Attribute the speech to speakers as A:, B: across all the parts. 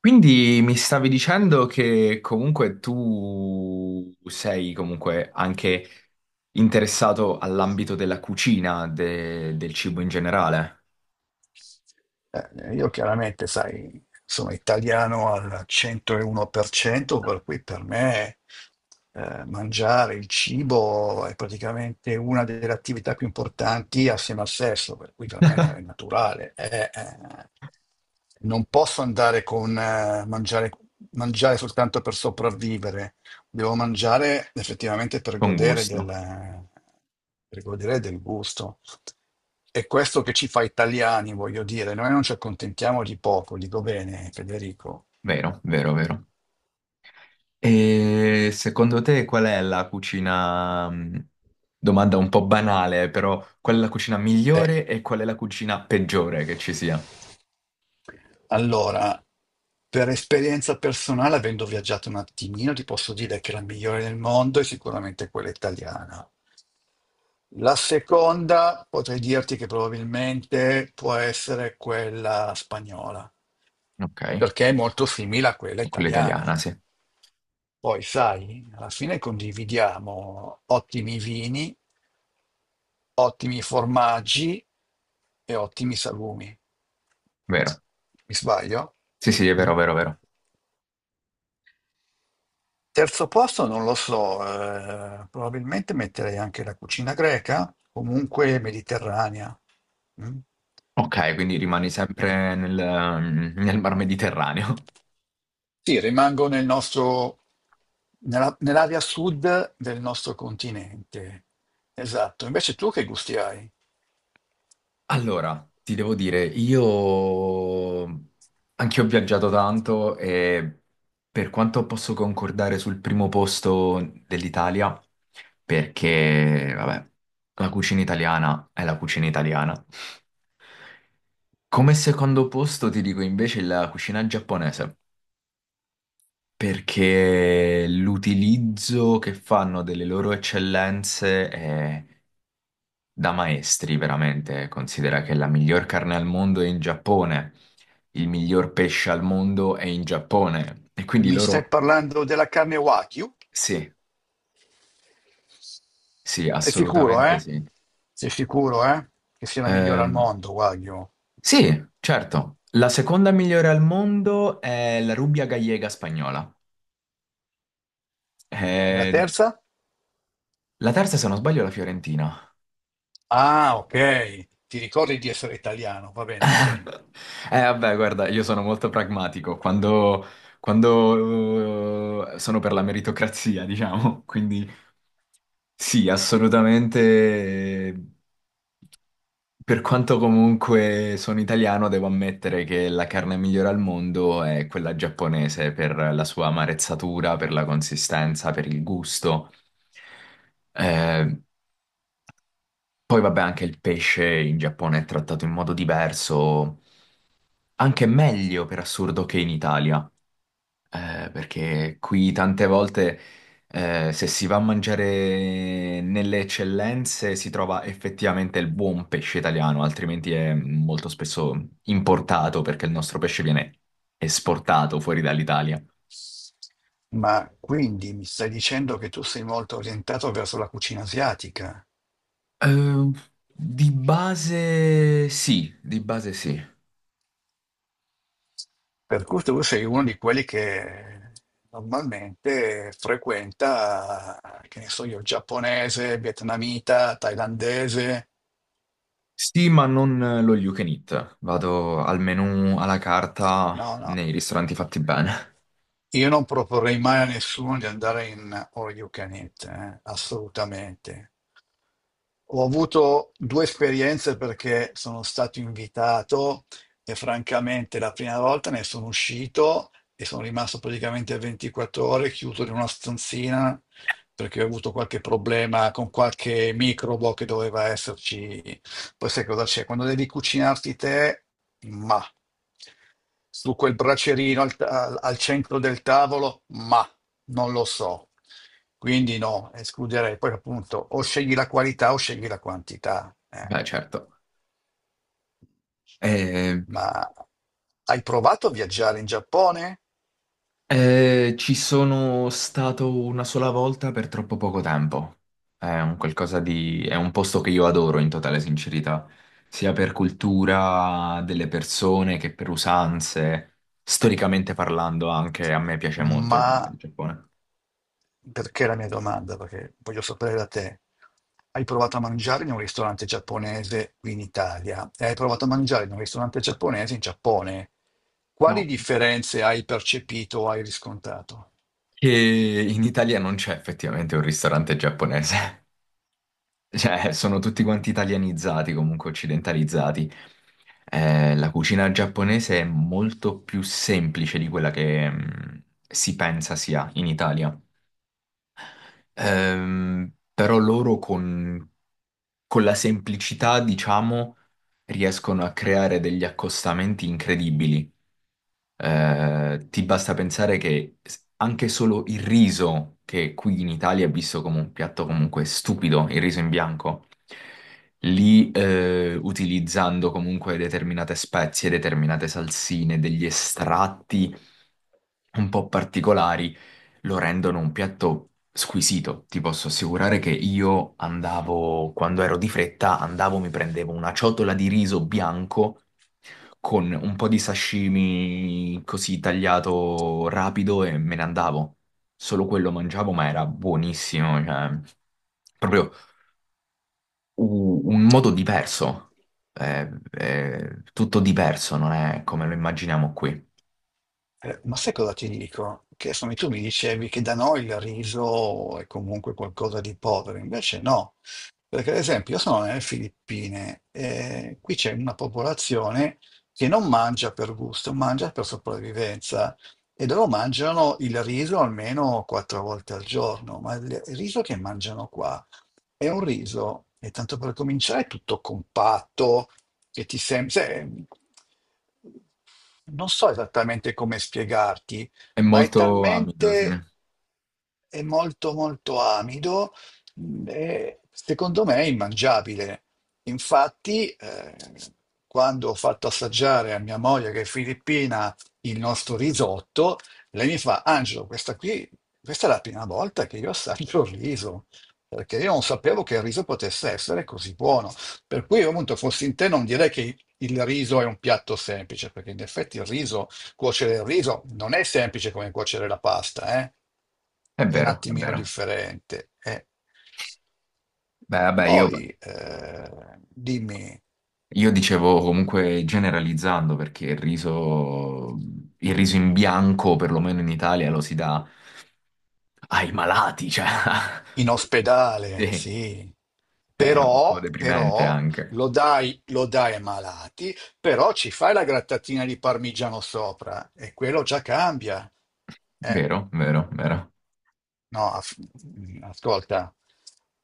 A: Quindi mi stavi dicendo che comunque tu sei comunque anche interessato all'ambito della cucina, del cibo in generale,
B: Io chiaramente, sai, sono italiano al 101%, per cento, per cui per me mangiare il cibo è praticamente una delle attività più importanti assieme al sesso, per cui per me è naturale. Non posso andare con mangiare soltanto per sopravvivere, devo mangiare effettivamente
A: con gusto.
B: per godere del gusto. È questo che ci fa italiani, voglio dire, noi non ci accontentiamo di poco, dico bene, Federico.
A: Vero, vero, vero. E secondo te qual è la cucina, domanda un po' banale, però qual è la cucina
B: Eh,
A: migliore e qual è la cucina peggiore che ci sia?
B: Allora, per esperienza personale, avendo viaggiato un attimino, ti posso dire che la migliore del mondo è sicuramente quella italiana. La seconda potrei dirti che probabilmente può essere quella spagnola,
A: Ok,
B: perché è molto simile a quella
A: quella italiana,
B: italiana.
A: sì,
B: Poi, sai, alla fine condividiamo ottimi vini, ottimi formaggi e ottimi salumi.
A: vero.
B: Mi sbaglio?
A: Sì, sì, è
B: Mm?
A: vero, vero, vero.
B: Terzo posto non lo so, probabilmente metterei anche la cucina greca, comunque mediterranea. Mm.
A: Ok, quindi rimani sempre nel, nel Mar Mediterraneo.
B: Sì, rimango nel nostro, nell'area sud del nostro continente. Esatto. Invece tu che gusti hai?
A: Allora, ti devo dire, io anch'io ho viaggiato tanto e per quanto posso concordare sul primo posto dell'Italia, perché, vabbè, la cucina italiana è la cucina italiana. Come secondo posto ti dico invece la cucina giapponese, perché l'utilizzo che fanno delle loro eccellenze è da maestri, veramente. Considera che la miglior carne al mondo è in Giappone, il miglior pesce al mondo è in Giappone. E quindi
B: Mi stai
A: loro,
B: parlando della carne Wagyu?
A: sì, sì,
B: Sei sicuro,
A: assolutamente
B: eh?
A: sì.
B: Sei sicuro, eh? Che sia la migliore al
A: Ehm,
B: mondo, Wagyu.
A: sì, certo. La seconda migliore al mondo è la Rubbia Gallega spagnola.
B: Mm. E la
A: Eh,
B: terza?
A: la terza, se non sbaglio, è la Fiorentina.
B: Ah, ok. Ti ricordi di essere italiano? Va bene, va bene.
A: Vabbè, guarda, io sono molto pragmatico quando sono per la meritocrazia, diciamo, quindi sì, assolutamente. eh, Per quanto comunque sono italiano, devo ammettere che la carne migliore al mondo è quella giapponese per la sua amarezzatura, per la consistenza, per il gusto. Eh, poi vabbè, anche il pesce in Giappone è trattato in modo diverso. Anche meglio per assurdo che in Italia, perché qui tante volte se si va a mangiare nelle eccellenze si trova effettivamente il buon pesce italiano, altrimenti è molto spesso importato perché il nostro pesce viene esportato fuori dall'Italia.
B: Ma quindi mi stai dicendo che tu sei molto orientato verso la cucina asiatica,
A: Eh, di base sì, di base sì.
B: per cui tu sei uno di quelli che normalmente frequenta, che ne so io, giapponese, vietnamita, thailandese.
A: Sì, ma non lo you can eat. Vado al menù alla carta
B: No, no.
A: nei ristoranti fatti bene.
B: Io non proporrei mai a nessuno di andare in all you can eat, assolutamente. Ho avuto due esperienze perché sono stato invitato e francamente la prima volta ne sono uscito e sono rimasto praticamente 24 ore chiuso in una stanzina perché ho avuto qualche problema con qualche microbo che doveva esserci. Poi sai cosa c'è? Quando devi cucinarti te, ma su quel bracerino al, al centro del tavolo, ma non lo so. Quindi no, escluderei. Poi appunto o scegli la qualità o scegli la quantità.
A: Beh, certo. Eh,
B: Ma hai provato a viaggiare in Giappone?
A: eh, ci sono stato una sola volta per troppo poco tempo. È un qualcosa di è un posto che io adoro in totale sincerità, sia per cultura delle persone che per usanze. Storicamente parlando, anche a me piace molto
B: Ma
A: il Giappone.
B: Perché la mia domanda? Perché voglio sapere da te. Hai provato a mangiare in un ristorante giapponese qui in Italia e hai provato a mangiare in un ristorante giapponese in Giappone. Quali
A: No,
B: differenze hai percepito o hai riscontrato?
A: che in Italia non c'è effettivamente un ristorante giapponese. Cioè, sono tutti quanti italianizzati, comunque occidentalizzati. La cucina giapponese è molto più semplice di quella che si pensa sia in Italia. Però loro con la semplicità, diciamo, riescono a creare degli accostamenti incredibili. Ti basta pensare che anche solo il riso, che qui in Italia è visto come un piatto comunque stupido, il riso in bianco, lì utilizzando comunque determinate spezie, determinate salsine, degli estratti un po' particolari, lo rendono un piatto squisito. Ti posso assicurare che io andavo, quando ero di fretta, andavo, mi prendevo una ciotola di riso bianco con un po' di sashimi così tagliato rapido e me ne andavo. Solo quello mangiavo, ma era buonissimo, cioè proprio un modo diverso. È tutto diverso, non è come lo immaginiamo qui.
B: Ma sai cosa ti dico? Che insomma, tu mi dicevi che da noi il riso è comunque qualcosa di povero, invece no, perché ad esempio io sono nelle Filippine e qui c'è una popolazione che non mangia per gusto, mangia per sopravvivenza e loro mangiano il riso almeno quattro volte al giorno, ma il riso che mangiano qua è un riso, e tanto per cominciare, è tutto compatto, che ti sembra, non so esattamente come spiegarti,
A: È
B: ma è
A: molto amido, sì.
B: talmente, è molto molto amido, e secondo me è immangiabile. Infatti, quando ho fatto assaggiare a mia moglie che è filippina il nostro risotto, lei mi fa, Angelo, questa qui, questa è la prima volta che io assaggio il riso. Perché io non sapevo che il riso potesse essere così buono. Per cui, appunto, fossi in te, non direi che il riso è un piatto semplice, perché in effetti il riso, cuocere il riso non è semplice come cuocere la pasta, eh?
A: È
B: È un
A: vero, è
B: attimino
A: vero.
B: differente.
A: Beh, vabbè,
B: Poi, dimmi,
A: io dicevo comunque generalizzando perché il riso in bianco, perlomeno in Italia, lo si dà ai malati, cioè.
B: in ospedale,
A: Sì.
B: sì,
A: È un po'
B: però,
A: deprimente
B: però
A: anche.
B: lo dai ai malati, però ci fai la grattatina di parmigiano sopra e quello già cambia. Eh.
A: Vero, vero, vero.
B: No, ascolta,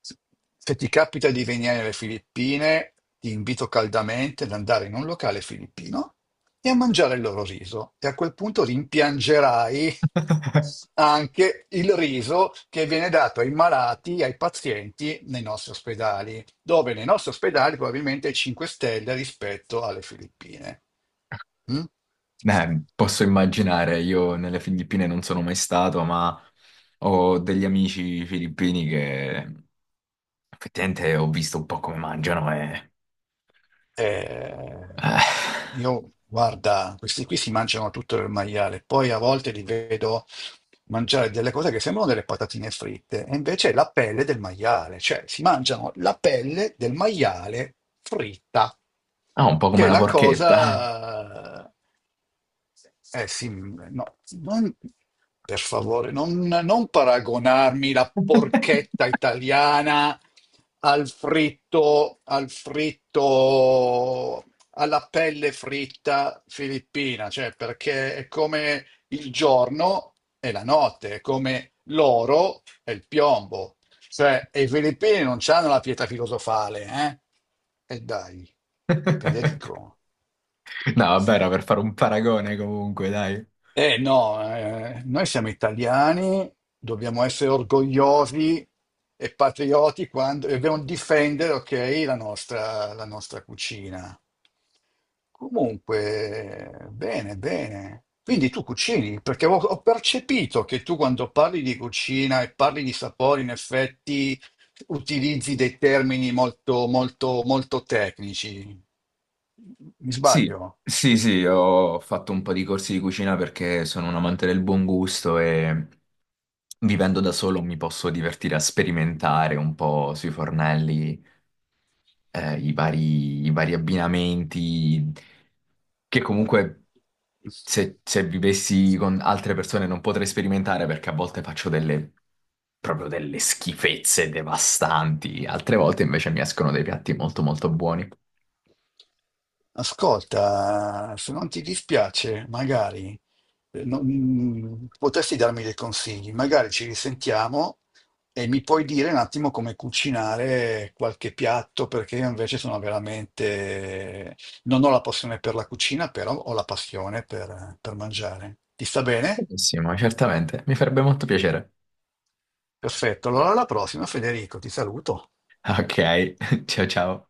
B: se ti capita di venire alle Filippine, ti invito caldamente ad andare in un locale filippino e a mangiare il loro riso. E a quel punto rimpiangerai anche il riso che viene dato ai malati, ai pazienti nei nostri ospedali, dove nei nostri ospedali probabilmente è 5 stelle rispetto alle Filippine. Mm?
A: Beh, posso immaginare, io nelle Filippine non sono mai stato, ma ho degli amici filippini che effettivamente ho visto un po' come mangiano e
B: Eh,
A: eh,
B: io, guarda, questi qui si mangiano tutto il maiale, poi a volte li vedo mangiare delle cose che sembrano delle patatine fritte, e invece è la pelle del maiale, cioè si mangiano la pelle del maiale fritta,
A: ah, un po' come
B: che è
A: la
B: la
A: porchetta.
B: cosa. Eh sì, no, non- per favore, non paragonarmi la porchetta italiana al fritto, alla pelle fritta filippina, cioè perché è come il giorno e la notte, è come l'oro e il piombo. Cioè, e i filippini non hanno la pietà filosofale, eh? E dai, ve ne dico.
A: No, vabbè, era per fare un paragone comunque, dai.
B: Eh no, noi siamo italiani, dobbiamo essere orgogliosi e patrioti quando e dobbiamo difendere, ok, la nostra cucina. Comunque, bene, bene. Quindi tu cucini, perché ho percepito che tu quando parli di cucina e parli di sapori, in effetti utilizzi dei termini molto, molto, molto tecnici. Mi
A: Sì,
B: sbaglio?
A: sì, sì, ho fatto un po' di corsi di cucina perché sono un amante del buon gusto e vivendo da solo mi posso divertire a sperimentare un po' sui fornelli, i vari abbinamenti, che comunque se vivessi con altre persone non potrei sperimentare perché a volte faccio proprio delle schifezze devastanti, altre volte invece mi escono dei piatti molto molto buoni.
B: Ascolta, se non ti dispiace, magari potresti darmi dei consigli, magari ci risentiamo e mi puoi dire un attimo come cucinare qualche piatto, perché io invece sono veramente non ho la passione per la cucina, però ho la passione per mangiare. Ti sta bene?
A: Benissimo, certamente, mi farebbe molto piacere.
B: Perfetto, allora alla prossima Federico, ti saluto.
A: Ok, ciao ciao.